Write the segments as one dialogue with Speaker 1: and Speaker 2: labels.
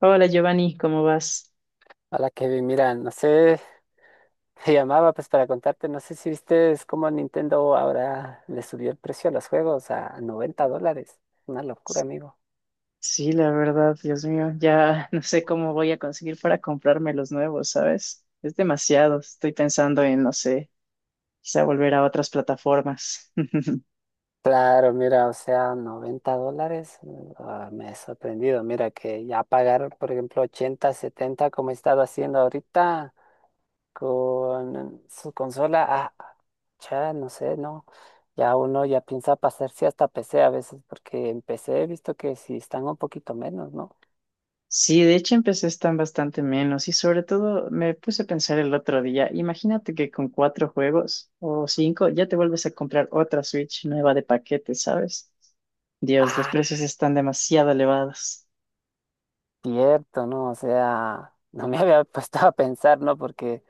Speaker 1: Hola Giovanni, ¿cómo vas?
Speaker 2: Hola Kevin, mira, no sé, te llamaba, pues, para contarte, no sé si viste cómo Nintendo ahora le subió el precio a los juegos a $90. Una locura, amigo.
Speaker 1: Sí, la verdad, Dios mío, ya no sé cómo voy a conseguir para comprarme los nuevos, ¿sabes? Es demasiado, estoy pensando en, no sé, quizá volver a otras plataformas.
Speaker 2: Claro, mira, o sea, $90, me he sorprendido. Mira que ya pagar, por ejemplo, 80, 70, como he estado haciendo ahorita con su consola, ya, no sé, no. Ya uno ya piensa pasarse hasta PC a veces, porque en PC he visto que si están un poquito menos, ¿no?
Speaker 1: Sí, de hecho empecé están bastante menos y sobre todo me puse a pensar el otro día, imagínate que con cuatro juegos o cinco ya te vuelves a comprar otra Switch nueva de paquete, ¿sabes? Dios, los precios están demasiado elevados.
Speaker 2: Cierto, ¿no? O sea, no me había puesto a pensar, ¿no? Porque,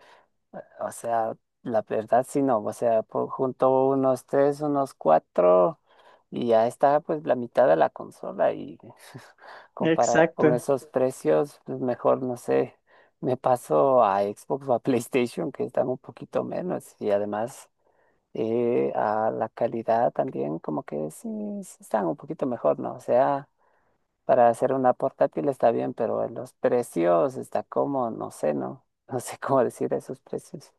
Speaker 2: o sea, la verdad sí, no. O sea, junto unos tres, unos cuatro, y ya está, pues, la mitad de la consola. Y comparar con
Speaker 1: Exacto.
Speaker 2: esos precios, pues mejor, no sé, me paso a Xbox o a PlayStation, que están un poquito menos. Y además, a la calidad también, como que sí, sí están un poquito mejor, ¿no? O sea. Para hacer una portátil está bien, pero en los precios está como, no sé, no, no sé cómo decir esos precios.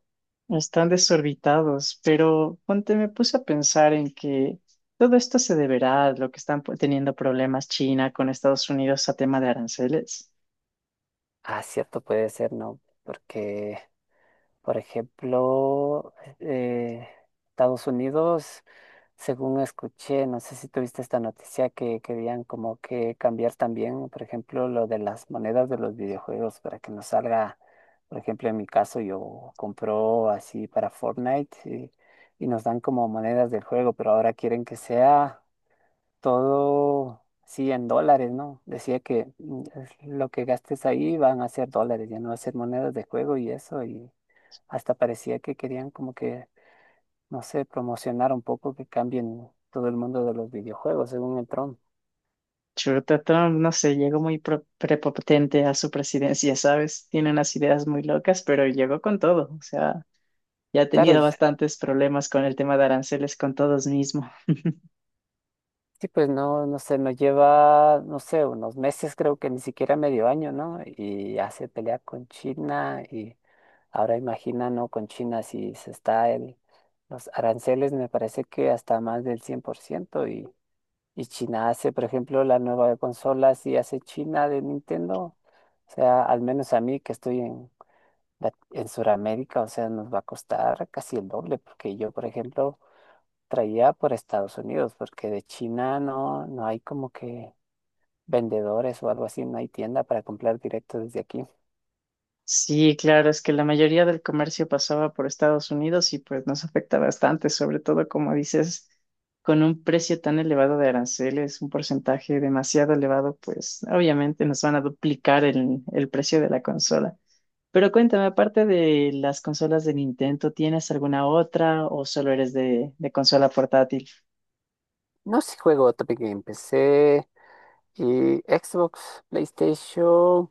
Speaker 1: Están desorbitados, pero ponte, me puse a pensar en que todo esto se deberá a lo que están teniendo problemas China con Estados Unidos a tema de aranceles.
Speaker 2: Ah, cierto, puede ser, no, porque... Por ejemplo, eh, Estados Unidos, según escuché, no sé si tuviste esta noticia, que querían como que cambiar también, por ejemplo, lo de las monedas de los videojuegos, para que no salga, por ejemplo, en mi caso yo compro así para Fortnite, y nos dan como monedas del juego, pero ahora quieren que sea todo, sí, en dólares, ¿no? Decía que es lo que gastes ahí van a ser dólares, ya no va a ser monedas de juego y eso, y hasta parecía que querían como que, no sé, promocionar un poco que cambien todo el mundo de los videojuegos, según el Tron.
Speaker 1: Chuta, Trump, no sé, llegó muy prepotente a su presidencia, ¿sabes? Tiene unas ideas muy locas, pero llegó con todo. O sea, ya ha
Speaker 2: Claro,
Speaker 1: tenido bastantes problemas con el tema de aranceles con todos mismos.
Speaker 2: sí, pues no, no sé, no lleva, no sé, unos meses, creo que ni siquiera medio año, ¿no? Y ya se pelea con China, y ahora imagina, ¿no? Con China si se está el, los aranceles, me parece que hasta más del 100%, y China hace, por ejemplo, la nueva consola, si hace China de Nintendo. O sea, al menos a mí, que estoy en, en Sudamérica, o sea, nos va a costar casi el doble, porque yo, por ejemplo, traía por Estados Unidos, porque de China no, no hay como que vendedores o algo así, no hay tienda para comprar directo desde aquí.
Speaker 1: Sí, claro, es que la mayoría del comercio pasaba por Estados Unidos y pues nos afecta bastante, sobre todo como dices, con un precio tan elevado de aranceles, un porcentaje demasiado elevado, pues obviamente nos van a duplicar el precio de la consola. Pero cuéntame, aparte de las consolas de Nintendo, ¿tienes alguna otra o solo eres de consola portátil?
Speaker 2: No sé, si juego Topic Game, PC y Xbox, PlayStation,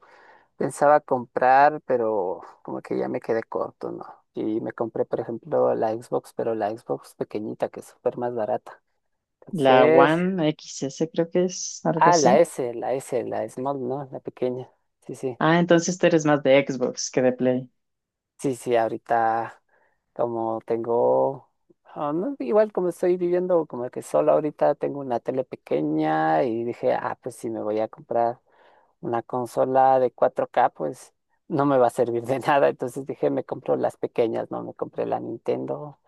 Speaker 2: pensaba comprar, pero como que ya me quedé corto, ¿no? Y me compré, por ejemplo, la Xbox, pero la Xbox pequeñita, que es súper más barata.
Speaker 1: La
Speaker 2: Entonces...
Speaker 1: One XS creo que es algo
Speaker 2: Ah, la
Speaker 1: así.
Speaker 2: S, la S, la small, ¿no? La pequeña. Sí, sí.
Speaker 1: Ah, entonces tú eres más de Xbox que de Play.
Speaker 2: Sí, sí, ahorita como tengo, ah, no, igual como estoy viviendo como que solo ahorita, tengo una tele pequeña y dije, ah, pues si me voy a comprar una consola de 4K, pues no me va a servir de nada. Entonces dije, me compro las pequeñas, ¿no? Me compré la Nintendo,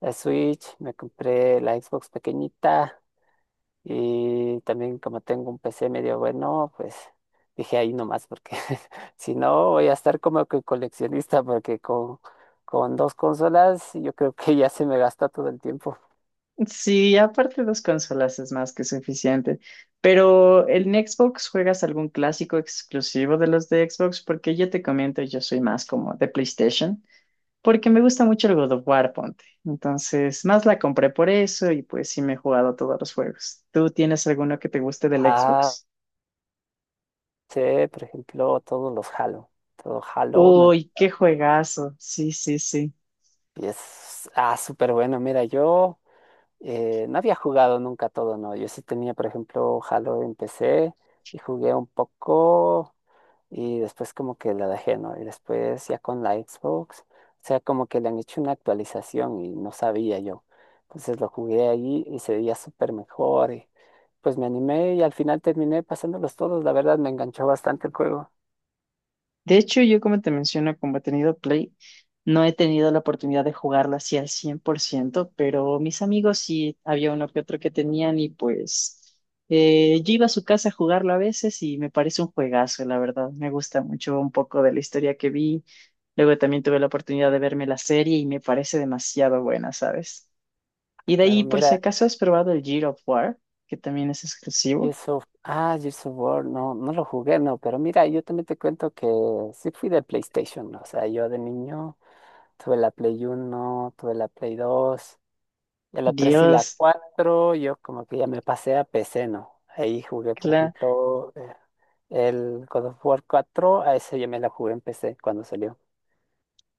Speaker 2: la Switch, me compré la Xbox pequeñita. Y también como tengo un PC medio bueno, pues dije ahí nomás, porque si no voy a estar como que coleccionista, porque con dos consolas yo creo que ya se me gasta todo el tiempo.
Speaker 1: Sí, aparte dos consolas es más que suficiente. Pero ¿en Xbox juegas algún clásico exclusivo de los de Xbox? Porque yo te comento, yo soy más como de PlayStation, porque me gusta mucho el God of War, ponte. Entonces, más la compré por eso y pues sí me he jugado todos los juegos. ¿Tú tienes alguno que te guste del
Speaker 2: Ah,
Speaker 1: Xbox?
Speaker 2: sí, por ejemplo, todos los Halo. Todo Halo me
Speaker 1: Uy, qué juegazo. Sí, sí, sí.
Speaker 2: es súper bueno. Mira, yo no había jugado nunca todo, no. Yo sí tenía, por ejemplo, Halo en PC y jugué un poco. Y después como que la dejé, ¿no? Y después ya con la Xbox, o sea, como que le han hecho una actualización y no sabía yo. Entonces lo jugué ahí y se veía súper mejor, y pues me animé, y al final terminé pasándolos todos, la verdad me enganchó bastante el juego.
Speaker 1: De hecho, yo como te menciono, como he tenido Play, no he tenido la oportunidad de jugarla así al 100 por ciento, pero mis amigos sí, había uno que otro que tenían y pues yo iba a su casa a jugarlo a veces y me parece un juegazo, la verdad. Me gusta mucho un poco de la historia que vi. Luego también tuve la oportunidad de verme la serie y me parece demasiado buena, ¿sabes?
Speaker 2: Ah,
Speaker 1: Y de
Speaker 2: claro,
Speaker 1: ahí, por si
Speaker 2: mira,
Speaker 1: acaso, ¿has probado el Gears of War, que también es exclusivo?
Speaker 2: Gears of War, no, no lo jugué, no, pero mira, yo también te cuento que sí fui de PlayStation, ¿no? O sea, yo de niño tuve la Play 1, tuve la Play 2. Ya la 3 y la
Speaker 1: Dios.
Speaker 2: 4, yo como que ya me pasé a PC, ¿no? Ahí jugué, por ejemplo, el God of War 4, a ese ya me la jugué en PC cuando salió.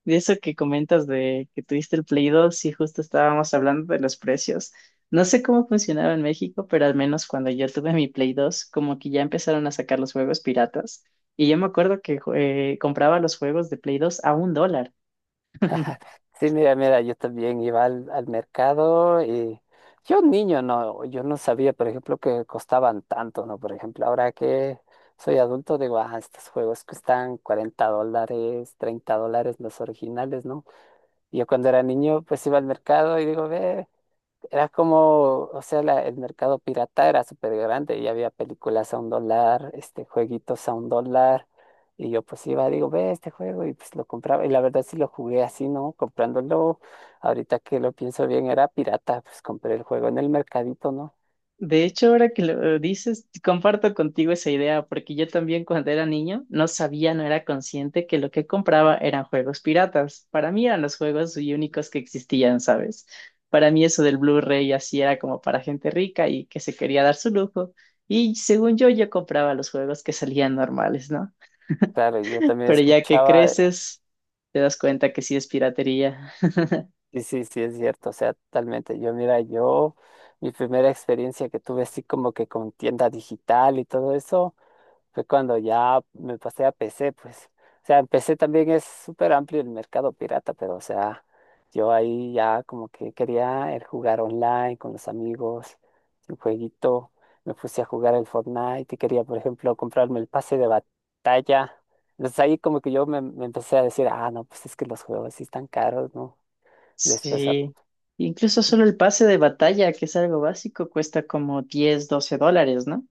Speaker 1: De eso que comentas de que tuviste el Play 2, sí, justo estábamos hablando de los precios. No sé cómo funcionaba en México, pero al menos cuando yo tuve mi Play 2, como que ya empezaron a sacar los juegos piratas. Y yo me acuerdo que compraba los juegos de Play 2 a un dólar.
Speaker 2: Sí, mira, mira, yo también iba al mercado, y yo, niño, no, yo no sabía, por ejemplo, que costaban tanto, ¿no? Por ejemplo, ahora que soy adulto, digo, ah, estos juegos cuestan $40, $30 los originales, ¿no? Y yo cuando era niño, pues iba al mercado y digo, ve. Era como, o sea, el mercado pirata era súper grande, y había películas a $1, este, jueguitos a $1. Y yo pues iba, digo, ve este juego y pues lo compraba. Y la verdad sí lo jugué así, ¿no? Comprándolo. Ahorita que lo pienso bien, era pirata, pues compré el juego en el mercadito, ¿no?
Speaker 1: De hecho, ahora que lo dices, comparto contigo esa idea, porque yo también cuando era niño no sabía, no era consciente que lo que compraba eran juegos piratas. Para mí eran los juegos y únicos que existían, ¿sabes? Para mí eso del Blu-ray así era como para gente rica y que se quería dar su lujo. Y según yo, yo compraba los juegos que salían normales, ¿no?
Speaker 2: Claro, y yo también
Speaker 1: Pero ya que
Speaker 2: escuchaba,
Speaker 1: creces, te das cuenta que sí es piratería.
Speaker 2: sí sí, sí, es cierto, o sea, totalmente. Yo, mira, yo, mi primera experiencia que tuve así como que con tienda digital y todo eso. Fue cuando ya me pasé a PC, pues. O sea, en PC también es súper amplio el mercado pirata, pero, o sea, yo ahí ya como que quería el jugar online con los amigos, un jueguito. Me puse a jugar el Fortnite y quería, por ejemplo, comprarme el pase de batalla. Entonces ahí como que yo me empecé a decir, ah, no, pues es que los juegos sí están caros, ¿no? Después...
Speaker 1: Sí, incluso solo el pase de batalla, que es algo básico, cuesta como 10 o 12 dólares, ¿no?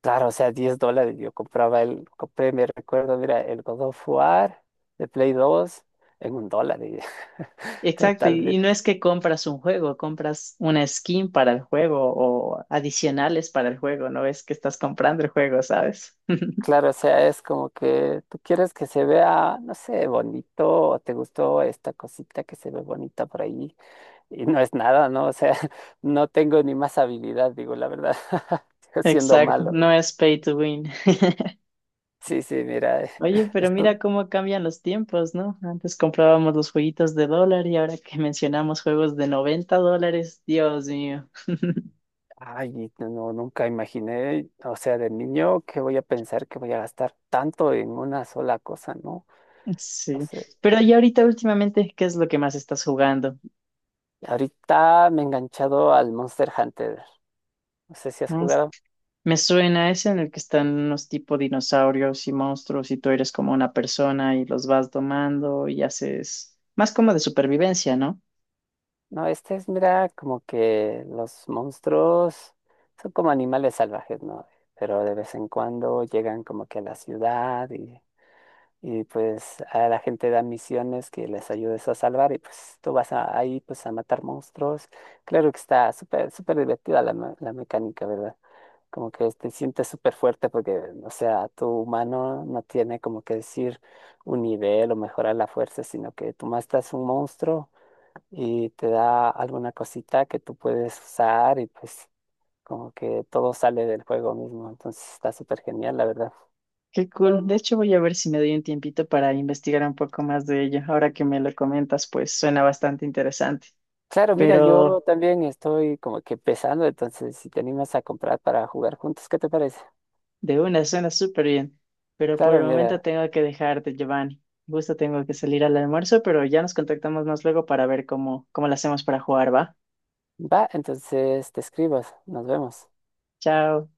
Speaker 2: Claro, o sea, $10. Yo compré, me recuerdo, mira, el God of War de Play 2 en $1. Y
Speaker 1: Exacto,
Speaker 2: total,
Speaker 1: y no es que compras un juego, compras una skin para el juego o adicionales para el juego, no es que estás comprando el juego, ¿sabes?
Speaker 2: claro, o sea, es como que tú quieres que se vea, no sé, bonito, o te gustó esta cosita que se ve bonita por ahí, y no es nada, ¿no? O sea, no tengo ni más habilidad, digo, la verdad, siendo
Speaker 1: Exacto,
Speaker 2: malo,
Speaker 1: no
Speaker 2: ¿no?
Speaker 1: es pay to win.
Speaker 2: Sí, sí, mira,
Speaker 1: Oye, pero mira
Speaker 2: esto.
Speaker 1: cómo cambian los tiempos, ¿no? Antes comprábamos los jueguitos de dólar y ahora que mencionamos juegos de 90 dólares, Dios mío.
Speaker 2: Ay, no, no, nunca imaginé, o sea, de niño, que voy a pensar que voy a gastar tanto en una sola cosa, ¿no? No
Speaker 1: Sí,
Speaker 2: sé.
Speaker 1: pero y ahorita últimamente, ¿qué es lo que más estás jugando?
Speaker 2: Ahorita me he enganchado al Monster Hunter. No sé si has
Speaker 1: Mm,
Speaker 2: jugado.
Speaker 1: me suena ese en el que están unos tipo dinosaurios y monstruos y tú eres como una persona y los vas domando y haces más como de supervivencia, ¿no?
Speaker 2: No, este es, mira, como que los monstruos son como animales salvajes, ¿no? Pero de vez en cuando llegan como que a la ciudad y pues a la gente da misiones que les ayudes a salvar, y pues tú ahí pues a matar monstruos. Claro que está súper, súper divertida la mecánica, ¿verdad? Como que te sientes súper fuerte porque, o sea, tu humano no tiene como que decir un nivel o mejorar la fuerza, sino que tú matas un monstruo y te da alguna cosita que tú puedes usar, y pues como que todo sale del juego mismo. Entonces está súper genial, la verdad.
Speaker 1: Qué cool. De hecho, voy a ver si me doy un tiempito para investigar un poco más de ello. Ahora que me lo comentas, pues suena bastante interesante.
Speaker 2: Claro, mira, yo
Speaker 1: Pero
Speaker 2: también estoy como que pesando, entonces si te animas a comprar para jugar juntos, ¿qué te parece?
Speaker 1: de una, suena súper bien. Pero por
Speaker 2: Claro,
Speaker 1: el momento
Speaker 2: mira,
Speaker 1: tengo que dejarte, Giovanni. Justo tengo que salir al almuerzo, pero ya nos contactamos más luego para ver cómo, cómo lo hacemos para jugar, ¿va?
Speaker 2: va, entonces te escribas, nos vemos.
Speaker 1: Chao.